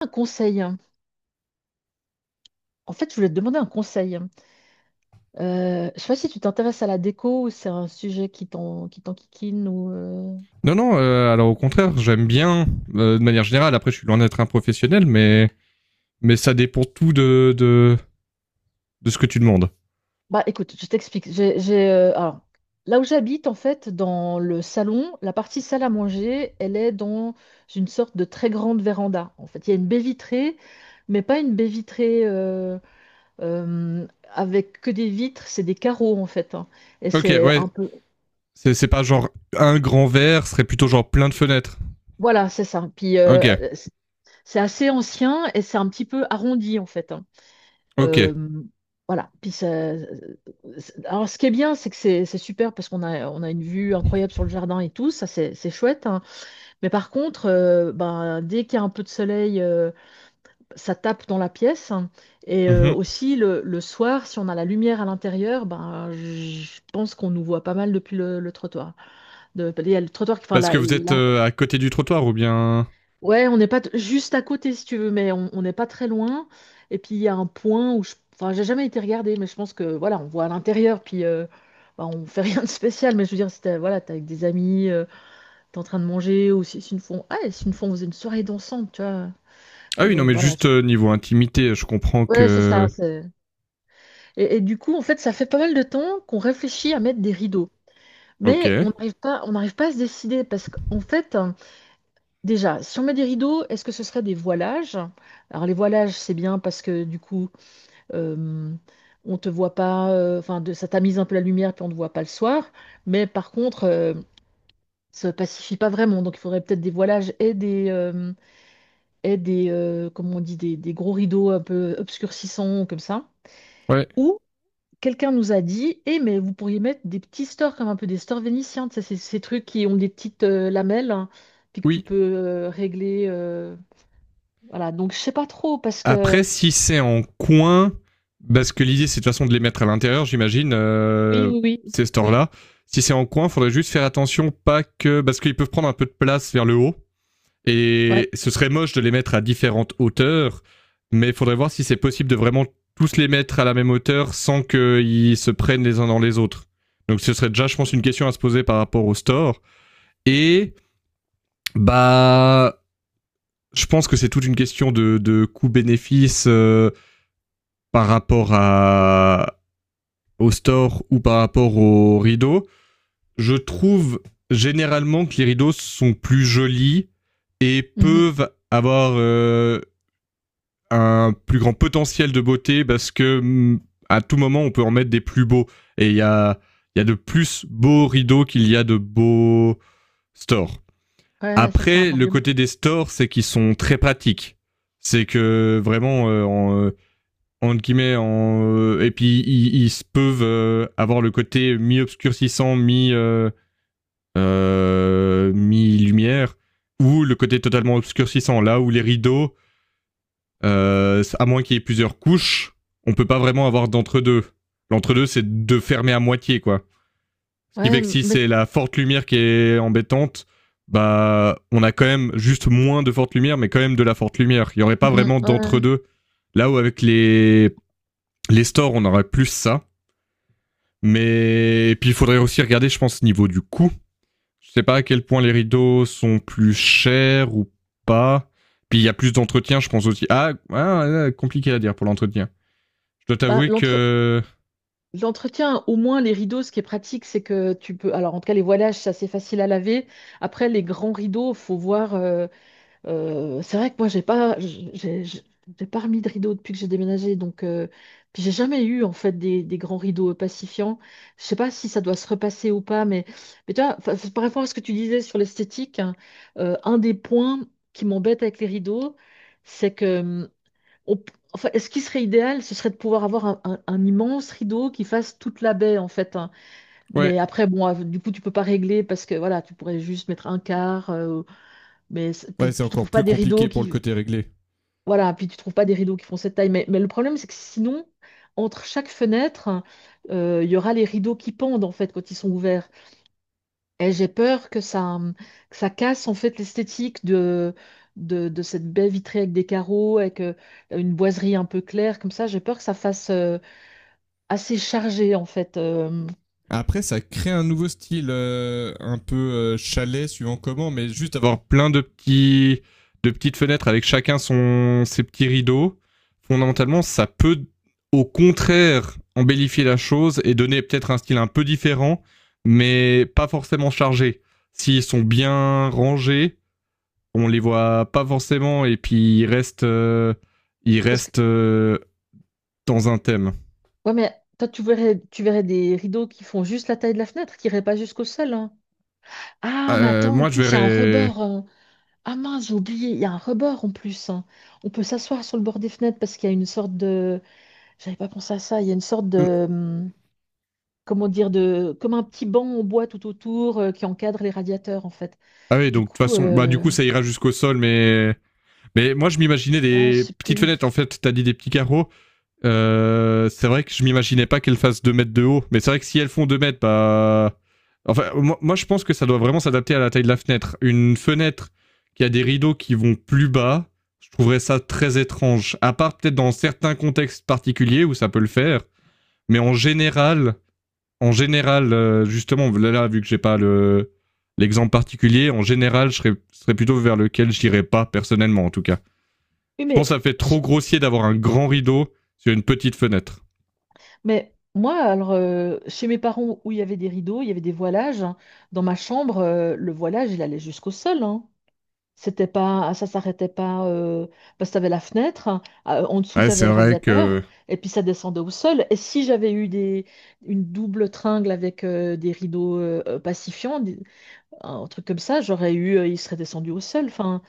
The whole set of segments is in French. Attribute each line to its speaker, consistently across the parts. Speaker 1: Un conseil. En fait, je voulais te demander un conseil. Je sais pas si tu t'intéresses à la déco ou c'est un sujet qui t'enquiquine ou
Speaker 2: Non, non, alors au contraire, j'aime bien de manière générale. Après, je suis loin d'être un professionnel, mais ça dépend tout de ce que tu demandes.
Speaker 1: bah écoute, je t'explique. Alors là où j'habite en fait, dans le salon, la partie salle à manger, elle est dans une sorte de très grande véranda. En fait, il y a une baie vitrée, mais pas une baie vitrée euh, avec que des vitres, c'est des carreaux en fait, hein. Et
Speaker 2: Ok,
Speaker 1: c'est un
Speaker 2: ouais,
Speaker 1: peu...
Speaker 2: c'est pas genre un grand verre, ce serait plutôt genre plein de fenêtres.
Speaker 1: Voilà, c'est ça. Puis
Speaker 2: Ok,
Speaker 1: C'est assez ancien et c'est un petit peu arrondi en fait, hein.
Speaker 2: ok.
Speaker 1: Euh, voilà. Alors ce qui est bien, c'est que c'est super parce qu'on a, on a une vue incroyable sur le jardin et tout, ça c'est chouette, hein. Mais par contre, dès qu'il y a un peu de soleil, ça tape dans la pièce, hein. Et
Speaker 2: Mhm.
Speaker 1: aussi le soir, si on a la lumière à l'intérieur, ben, je pense qu'on nous voit pas mal depuis le trottoir. De, il y a le trottoir, enfin
Speaker 2: Parce que
Speaker 1: la,
Speaker 2: vous êtes
Speaker 1: la...
Speaker 2: à côté du trottoir ou bien.
Speaker 1: Ouais, on n'est pas t- juste à côté si tu veux, mais on n'est pas très loin. Et puis il y a un point où je... Enfin, j'ai jamais été regarder, mais je pense que voilà, on voit à l'intérieur, puis bah, on fait rien de spécial. Mais je veux dire, si t'es voilà, t'es avec des amis, t'es en train de manger, ou si, si une fois, ah, et si une fois on faisait une soirée dansante, tu vois.
Speaker 2: Ah oui, non, mais
Speaker 1: Voilà.
Speaker 2: juste niveau intimité, je comprends
Speaker 1: Ouais, c'est ça.
Speaker 2: que.
Speaker 1: Et du coup, en fait, ça fait pas mal de temps qu'on réfléchit à mettre des rideaux,
Speaker 2: Ok.
Speaker 1: mais on n'arrive pas à se décider parce qu'en fait... Déjà, si on met des rideaux, est-ce que ce serait des voilages? Alors les voilages, c'est bien parce que du coup, euh, on te voit pas, enfin, de, ça tamise un peu la lumière puis on ne voit pas le soir. Mais par contre, ça pacifie pas vraiment. Donc il faudrait peut-être des voilages et des, comment on dit, des gros rideaux un peu obscurcissants comme ça.
Speaker 2: Ouais.
Speaker 1: Ou quelqu'un nous a dit, eh mais vous pourriez mettre des petits stores comme un peu des stores vénitiens. Tu sais, ces, ces trucs qui ont des petites lamelles hein, puis que tu
Speaker 2: Oui.
Speaker 1: peux régler. Voilà, donc je sais pas trop parce
Speaker 2: Après,
Speaker 1: que...
Speaker 2: si c'est en coin, parce que l'idée c'est de toute façon de les mettre à l'intérieur, j'imagine,
Speaker 1: Oui, oui, oui,
Speaker 2: ces
Speaker 1: oui.
Speaker 2: stores-là. Si c'est en coin, il faudrait juste faire attention, pas que. Parce qu'ils peuvent prendre un peu de place vers le haut.
Speaker 1: Ouais,
Speaker 2: Et ce serait moche de les mettre à différentes hauteurs. Mais il faudrait voir si c'est possible de vraiment tous les mettre à la même hauteur sans qu'ils se prennent les uns dans les autres. Donc ce serait déjà, je pense, une question à se poser par rapport au store. Et bah, je pense que c'est toute une question de coût-bénéfice. Par rapport à, au store ou par rapport aux rideaux, je trouve généralement que les rideaux sont plus jolis et
Speaker 1: mhm,
Speaker 2: peuvent avoir un plus grand potentiel de beauté parce que à tout moment on peut en mettre des plus beaux et il y a, il y a de plus beaux rideaux qu'il y a de beaux stores.
Speaker 1: ouais, ça c'est un
Speaker 2: Après, le
Speaker 1: argument.
Speaker 2: côté des stores, c'est qu'ils sont très pratiques. C'est que vraiment, entre guillemets, et puis ils peuvent avoir le côté mi-obscurcissant, mi-lumière, ou le côté totalement obscurcissant. Là où les rideaux, à moins qu'il y ait plusieurs couches, on peut pas vraiment avoir d'entre-deux. L'entre-deux, c'est de fermer à moitié, quoi. Ce qui
Speaker 1: Ouais,
Speaker 2: fait que si
Speaker 1: mais
Speaker 2: c'est la forte lumière qui est embêtante, bah, on a quand même juste moins de forte lumière, mais quand même de la forte lumière. Il y aurait pas
Speaker 1: mhm,
Speaker 2: vraiment
Speaker 1: ouais.
Speaker 2: d'entre-deux. Là où avec les stores, on aurait plus ça. Mais et puis il faudrait aussi regarder, je pense, niveau du coût. Je sais pas à quel point les rideaux sont plus chers ou pas. Puis il y a plus d'entretien, je pense aussi. Ah, ah, ah, compliqué à dire pour l'entretien. Je dois
Speaker 1: Bah,
Speaker 2: t'avouer
Speaker 1: l'entre-
Speaker 2: que
Speaker 1: L'entretien, au moins les rideaux, ce qui est pratique, c'est que tu peux... Alors, en tout cas, les voilages, c'est assez facile à laver. Après, les grands rideaux, faut voir. C'est vrai que moi, j'ai pas remis de rideau depuis que j'ai déménagé, donc puis j'ai jamais eu en fait des grands rideaux pacifiants. Je sais pas si ça doit se repasser ou pas, mais tu vois, enfin, c'est par rapport à ce que tu disais sur l'esthétique, hein, un des points qui m'embête avec les rideaux, c'est que enfin, ce qui serait idéal, ce serait de pouvoir avoir un, un immense rideau qui fasse toute la baie en fait, hein.
Speaker 2: ouais.
Speaker 1: Mais après, bon, du coup, tu peux pas régler parce que voilà, tu pourrais juste mettre un quart.
Speaker 2: Ouais,
Speaker 1: Puis
Speaker 2: c'est
Speaker 1: tu
Speaker 2: encore
Speaker 1: trouves pas
Speaker 2: plus
Speaker 1: des rideaux
Speaker 2: compliqué pour le
Speaker 1: qui...
Speaker 2: côté réglé.
Speaker 1: Voilà, puis tu trouves pas des rideaux qui font cette taille. Mais le problème, c'est que sinon, entre chaque fenêtre, il y aura les rideaux qui pendent en fait quand ils sont ouverts. Et j'ai peur que ça casse en fait l'esthétique de cette baie vitrée avec des carreaux, avec une boiserie un peu claire comme ça. J'ai peur que ça fasse assez chargé en fait.
Speaker 2: Après, ça crée un nouveau style, un peu chalet, suivant comment, mais juste avoir plein de petits, de petites fenêtres avec chacun son, ses petits rideaux. Fondamentalement, ça peut, au contraire, embellifier la chose et donner peut-être un style un peu différent, mais pas forcément chargé. S'ils sont bien rangés, on les voit pas forcément et puis ils
Speaker 1: Parce que...
Speaker 2: restent dans un thème.
Speaker 1: Ouais, mais toi tu verrais des rideaux qui font juste la taille de la fenêtre, qui iraient pas jusqu'au sol, hein. Ah, mais attends, en
Speaker 2: Moi, je
Speaker 1: plus, il y a un
Speaker 2: verrais.
Speaker 1: rebord. Ah mince, j'ai oublié, il y a un rebord en plus, hein. On peut s'asseoir sur le bord des fenêtres parce qu'il y a une sorte de... J'avais pas pensé à ça, il y a une sorte de... Comment dire, de... comme un petit banc en bois tout autour qui encadre les radiateurs en fait.
Speaker 2: Ah oui,
Speaker 1: Du
Speaker 2: donc de toute
Speaker 1: coup,
Speaker 2: façon, bah du coup ça ira jusqu'au sol, mais moi je m'imaginais
Speaker 1: ah, je
Speaker 2: des
Speaker 1: sais
Speaker 2: petites
Speaker 1: plus.
Speaker 2: fenêtres en fait. T'as dit des petits carreaux. C'est vrai que je m'imaginais pas qu'elles fassent 2 m de haut, mais c'est vrai que si elles font 2 m, bah enfin moi, je pense que ça doit vraiment s'adapter à la taille de la fenêtre. Une fenêtre qui a des rideaux qui vont plus bas, je trouverais ça très étrange. À part peut-être dans certains contextes particuliers où ça peut le faire, mais en général, justement, là, vu que j'ai pas le l'exemple particulier, en général, serais plutôt vers lequel j'irais pas personnellement, en tout cas.
Speaker 1: Oui,
Speaker 2: Je
Speaker 1: mais,
Speaker 2: pense que ça fait
Speaker 1: je-
Speaker 2: trop grossier d'avoir un grand rideau sur une petite fenêtre.
Speaker 1: mais moi, alors, chez mes parents où il y avait des rideaux, il y avait des voilages, hein, dans ma chambre, le voilage, il allait jusqu'au sol, hein. C'était pas, ça s'arrêtait pas parce que t'avais la fenêtre, hein, en dessous
Speaker 2: Ouais, c'est
Speaker 1: t'avais le
Speaker 2: vrai
Speaker 1: radiateur,
Speaker 2: que.
Speaker 1: et puis ça descendait au sol. Et si j'avais eu des, une double tringle avec des rideaux pacifiants, un truc comme ça, il serait descendu au sol. Enfin,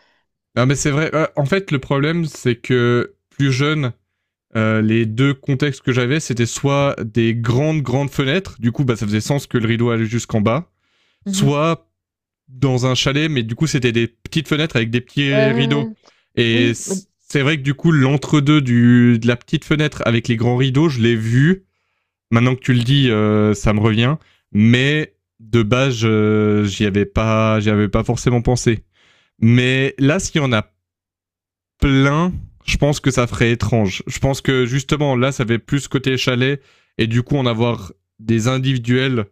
Speaker 2: Non, mais c'est vrai. En fait, le problème, c'est que plus jeune, euh, les deux contextes que j'avais, c'était soit des grandes fenêtres, du coup, bah, ça faisait sens que le rideau allait jusqu'en bas,
Speaker 1: mhm.
Speaker 2: soit dans un chalet, mais du coup, c'était des petites fenêtres avec des
Speaker 1: Ouais,
Speaker 2: petits
Speaker 1: ouais,
Speaker 2: rideaux.
Speaker 1: ouais.
Speaker 2: Et
Speaker 1: Oui, mais,
Speaker 2: c'est vrai que du coup, l'entre-deux du, de la petite fenêtre avec les grands rideaux, je l'ai vu. Maintenant que tu le dis, ça me revient. Mais de base, j'y avais pas forcément pensé. Mais là, s'il y en a plein, je pense que ça ferait étrange. Je pense que justement, là, ça fait plus côté chalet, et du coup, en avoir des individuels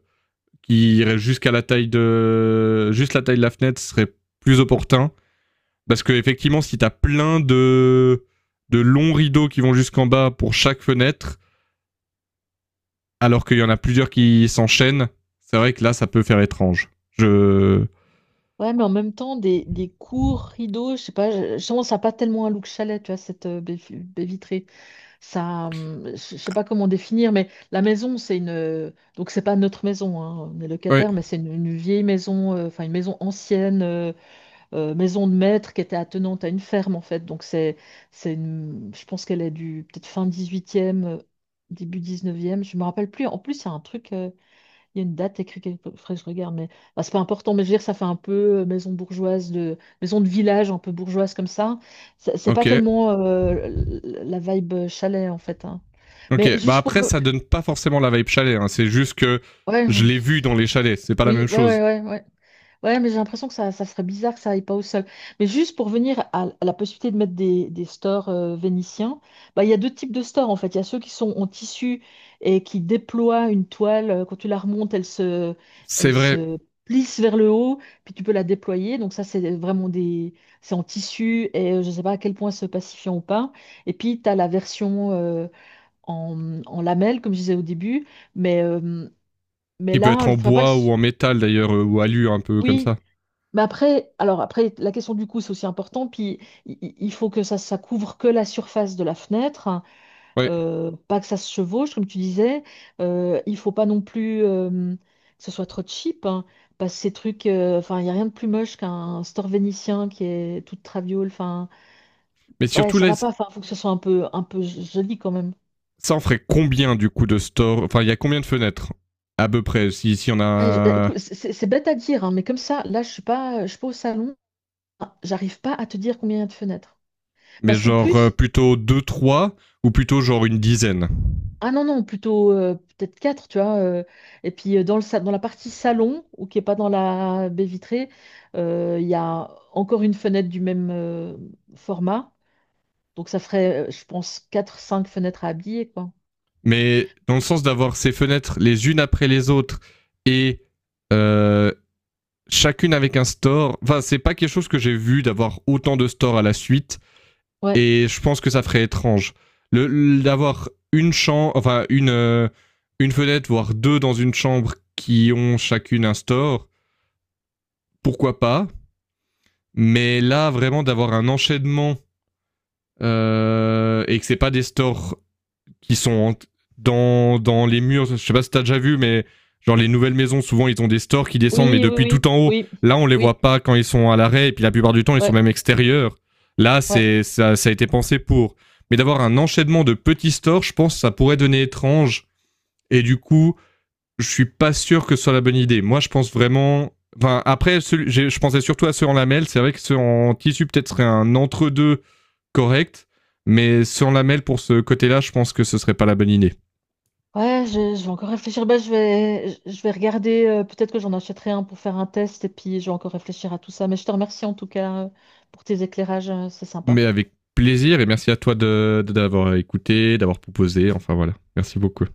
Speaker 2: qui iraient jusqu'à la taille de, juste la taille de la fenêtre serait plus opportun. Parce que effectivement, si t'as plein de longs rideaux qui vont jusqu'en bas pour chaque fenêtre, alors qu'il y en a plusieurs qui s'enchaînent, c'est vrai que là, ça peut faire étrange. Je,
Speaker 1: ouais, mais en même temps, des courts rideaux, je sais pas, je pense à pas tellement un look chalet, tu vois, cette baie vitrée. Ça, je sais pas comment définir, mais la maison, c'est une, donc c'est pas notre maison, hein, on est
Speaker 2: ouais,
Speaker 1: locataire, mais c'est une vieille maison, enfin une maison ancienne, maison de maître qui était attenante à une ferme en fait. Donc c'est, je pense qu'elle est du peut-être fin 18e, début 19e, je me rappelle plus. En plus, il y a un truc. Il y a une date écrite quelque part, faudrait que je regarde, mais bah, c'est pas important. Mais je veux dire, ça fait un peu maison bourgeoise de maison de village, un peu bourgeoise comme ça. C'est
Speaker 2: ok,
Speaker 1: pas tellement la vibe chalet en fait, hein. Mais
Speaker 2: ok. Bah
Speaker 1: juste pour,
Speaker 2: après, ça donne pas forcément la vibe chalet, hein. C'est juste que
Speaker 1: ouais,
Speaker 2: je l'ai vu dans les chalets, c'est pas la
Speaker 1: oui,
Speaker 2: même
Speaker 1: ouais, ouais,
Speaker 2: chose.
Speaker 1: ouais, ouais. Ouais, mais j'ai l'impression que ça serait bizarre que ça aille pas au sol. Mais juste pour venir à la possibilité de mettre des stores vénitiens, bah, il y a deux types de stores en fait. Il y a ceux qui sont en tissu et qui déploient une toile. Quand tu la remontes,
Speaker 2: C'est
Speaker 1: elle
Speaker 2: vrai.
Speaker 1: se plisse vers le haut, puis tu peux la déployer. Donc ça, c'est vraiment des, c'est en tissu et je ne sais pas à quel point c'est pacifiant ou pas. Et puis, tu as la version en, en lamelles, comme je disais au début. Mais, euh, mais
Speaker 2: Il peut
Speaker 1: là, il
Speaker 2: être
Speaker 1: ne
Speaker 2: en
Speaker 1: faudrait pas que...
Speaker 2: bois ou en métal d'ailleurs, ou alu un peu comme
Speaker 1: Oui,
Speaker 2: ça.
Speaker 1: mais après, alors après, la question du coût, c'est aussi important. Puis il faut que ça couvre que la surface de la fenêtre, hein,
Speaker 2: Ouais.
Speaker 1: pas que ça se chevauche, comme tu disais. Il faut pas non plus que ce soit trop cheap, hein, parce que ces trucs, enfin, il y a rien de plus moche qu'un store vénitien qui est toute traviole. Enfin,
Speaker 2: Mais
Speaker 1: ouais,
Speaker 2: surtout,
Speaker 1: ça
Speaker 2: là,
Speaker 1: va pas. Enfin, faut que ce soit un peu joli quand même.
Speaker 2: ça en ferait combien du coup de store. Enfin, il y a combien de fenêtres à peu près, si, si on
Speaker 1: Eh,
Speaker 2: a.
Speaker 1: écoute, c'est bête à dire, hein, mais comme ça, là, je suis pas au salon, j'arrive pas à te dire combien il y a de fenêtres.
Speaker 2: Mais
Speaker 1: Parce qu'en
Speaker 2: genre
Speaker 1: plus,
Speaker 2: plutôt deux trois ou plutôt genre une dizaine.
Speaker 1: ah non, non, plutôt peut-être quatre, tu vois. Et puis dans le, dans la partie salon, ou qui n'est pas dans la baie vitrée, il y a encore une fenêtre du même format. Donc ça ferait, je pense, quatre, cinq fenêtres à habiller, quoi.
Speaker 2: Mais dans le sens d'avoir ces fenêtres les unes après les autres et euh, chacune avec un store. Enfin, c'est pas quelque chose que j'ai vu d'avoir autant de stores à la suite.
Speaker 1: Ouais.
Speaker 2: Et je pense que ça ferait étrange. D'avoir une chambre, une fenêtre, voire deux dans une chambre qui ont chacune un store, pourquoi pas. Mais là, vraiment, d'avoir un enchaînement et que c'est pas des stores qui sont dans les murs. Je sais pas si t'as déjà vu, mais genre les nouvelles maisons, souvent ils ont des stores qui descendent, mais
Speaker 1: Oui, oui,
Speaker 2: depuis
Speaker 1: oui,
Speaker 2: tout en haut.
Speaker 1: oui,
Speaker 2: Là, on les voit
Speaker 1: oui,
Speaker 2: pas quand ils sont à l'arrêt, et puis la plupart du temps, ils sont
Speaker 1: ouais,
Speaker 2: même extérieurs. Là,
Speaker 1: ouais.
Speaker 2: c'est ça, ça a été pensé pour. Mais d'avoir un enchaînement de petits stores, je pense que ça pourrait donner étrange. Et du coup, je suis pas sûr que ce soit la bonne idée. Moi, je pense vraiment. Enfin, après, je pensais surtout à ceux en lamelles. C'est vrai que ceux en tissu, peut-être, serait un entre-deux correct. Mais ceux en lamelles, pour ce côté-là, je pense que ce serait pas la bonne idée.
Speaker 1: Ouais, je vais encore réfléchir. Bah, je vais, je vais regarder, peut-être que j'en achèterai un pour faire un test, et puis je vais encore réfléchir à tout ça. Mais je te remercie en tout cas pour tes éclairages, c'est sympa.
Speaker 2: Mais avec plaisir et merci à toi de d'avoir écouté, d'avoir proposé. Enfin voilà, merci beaucoup.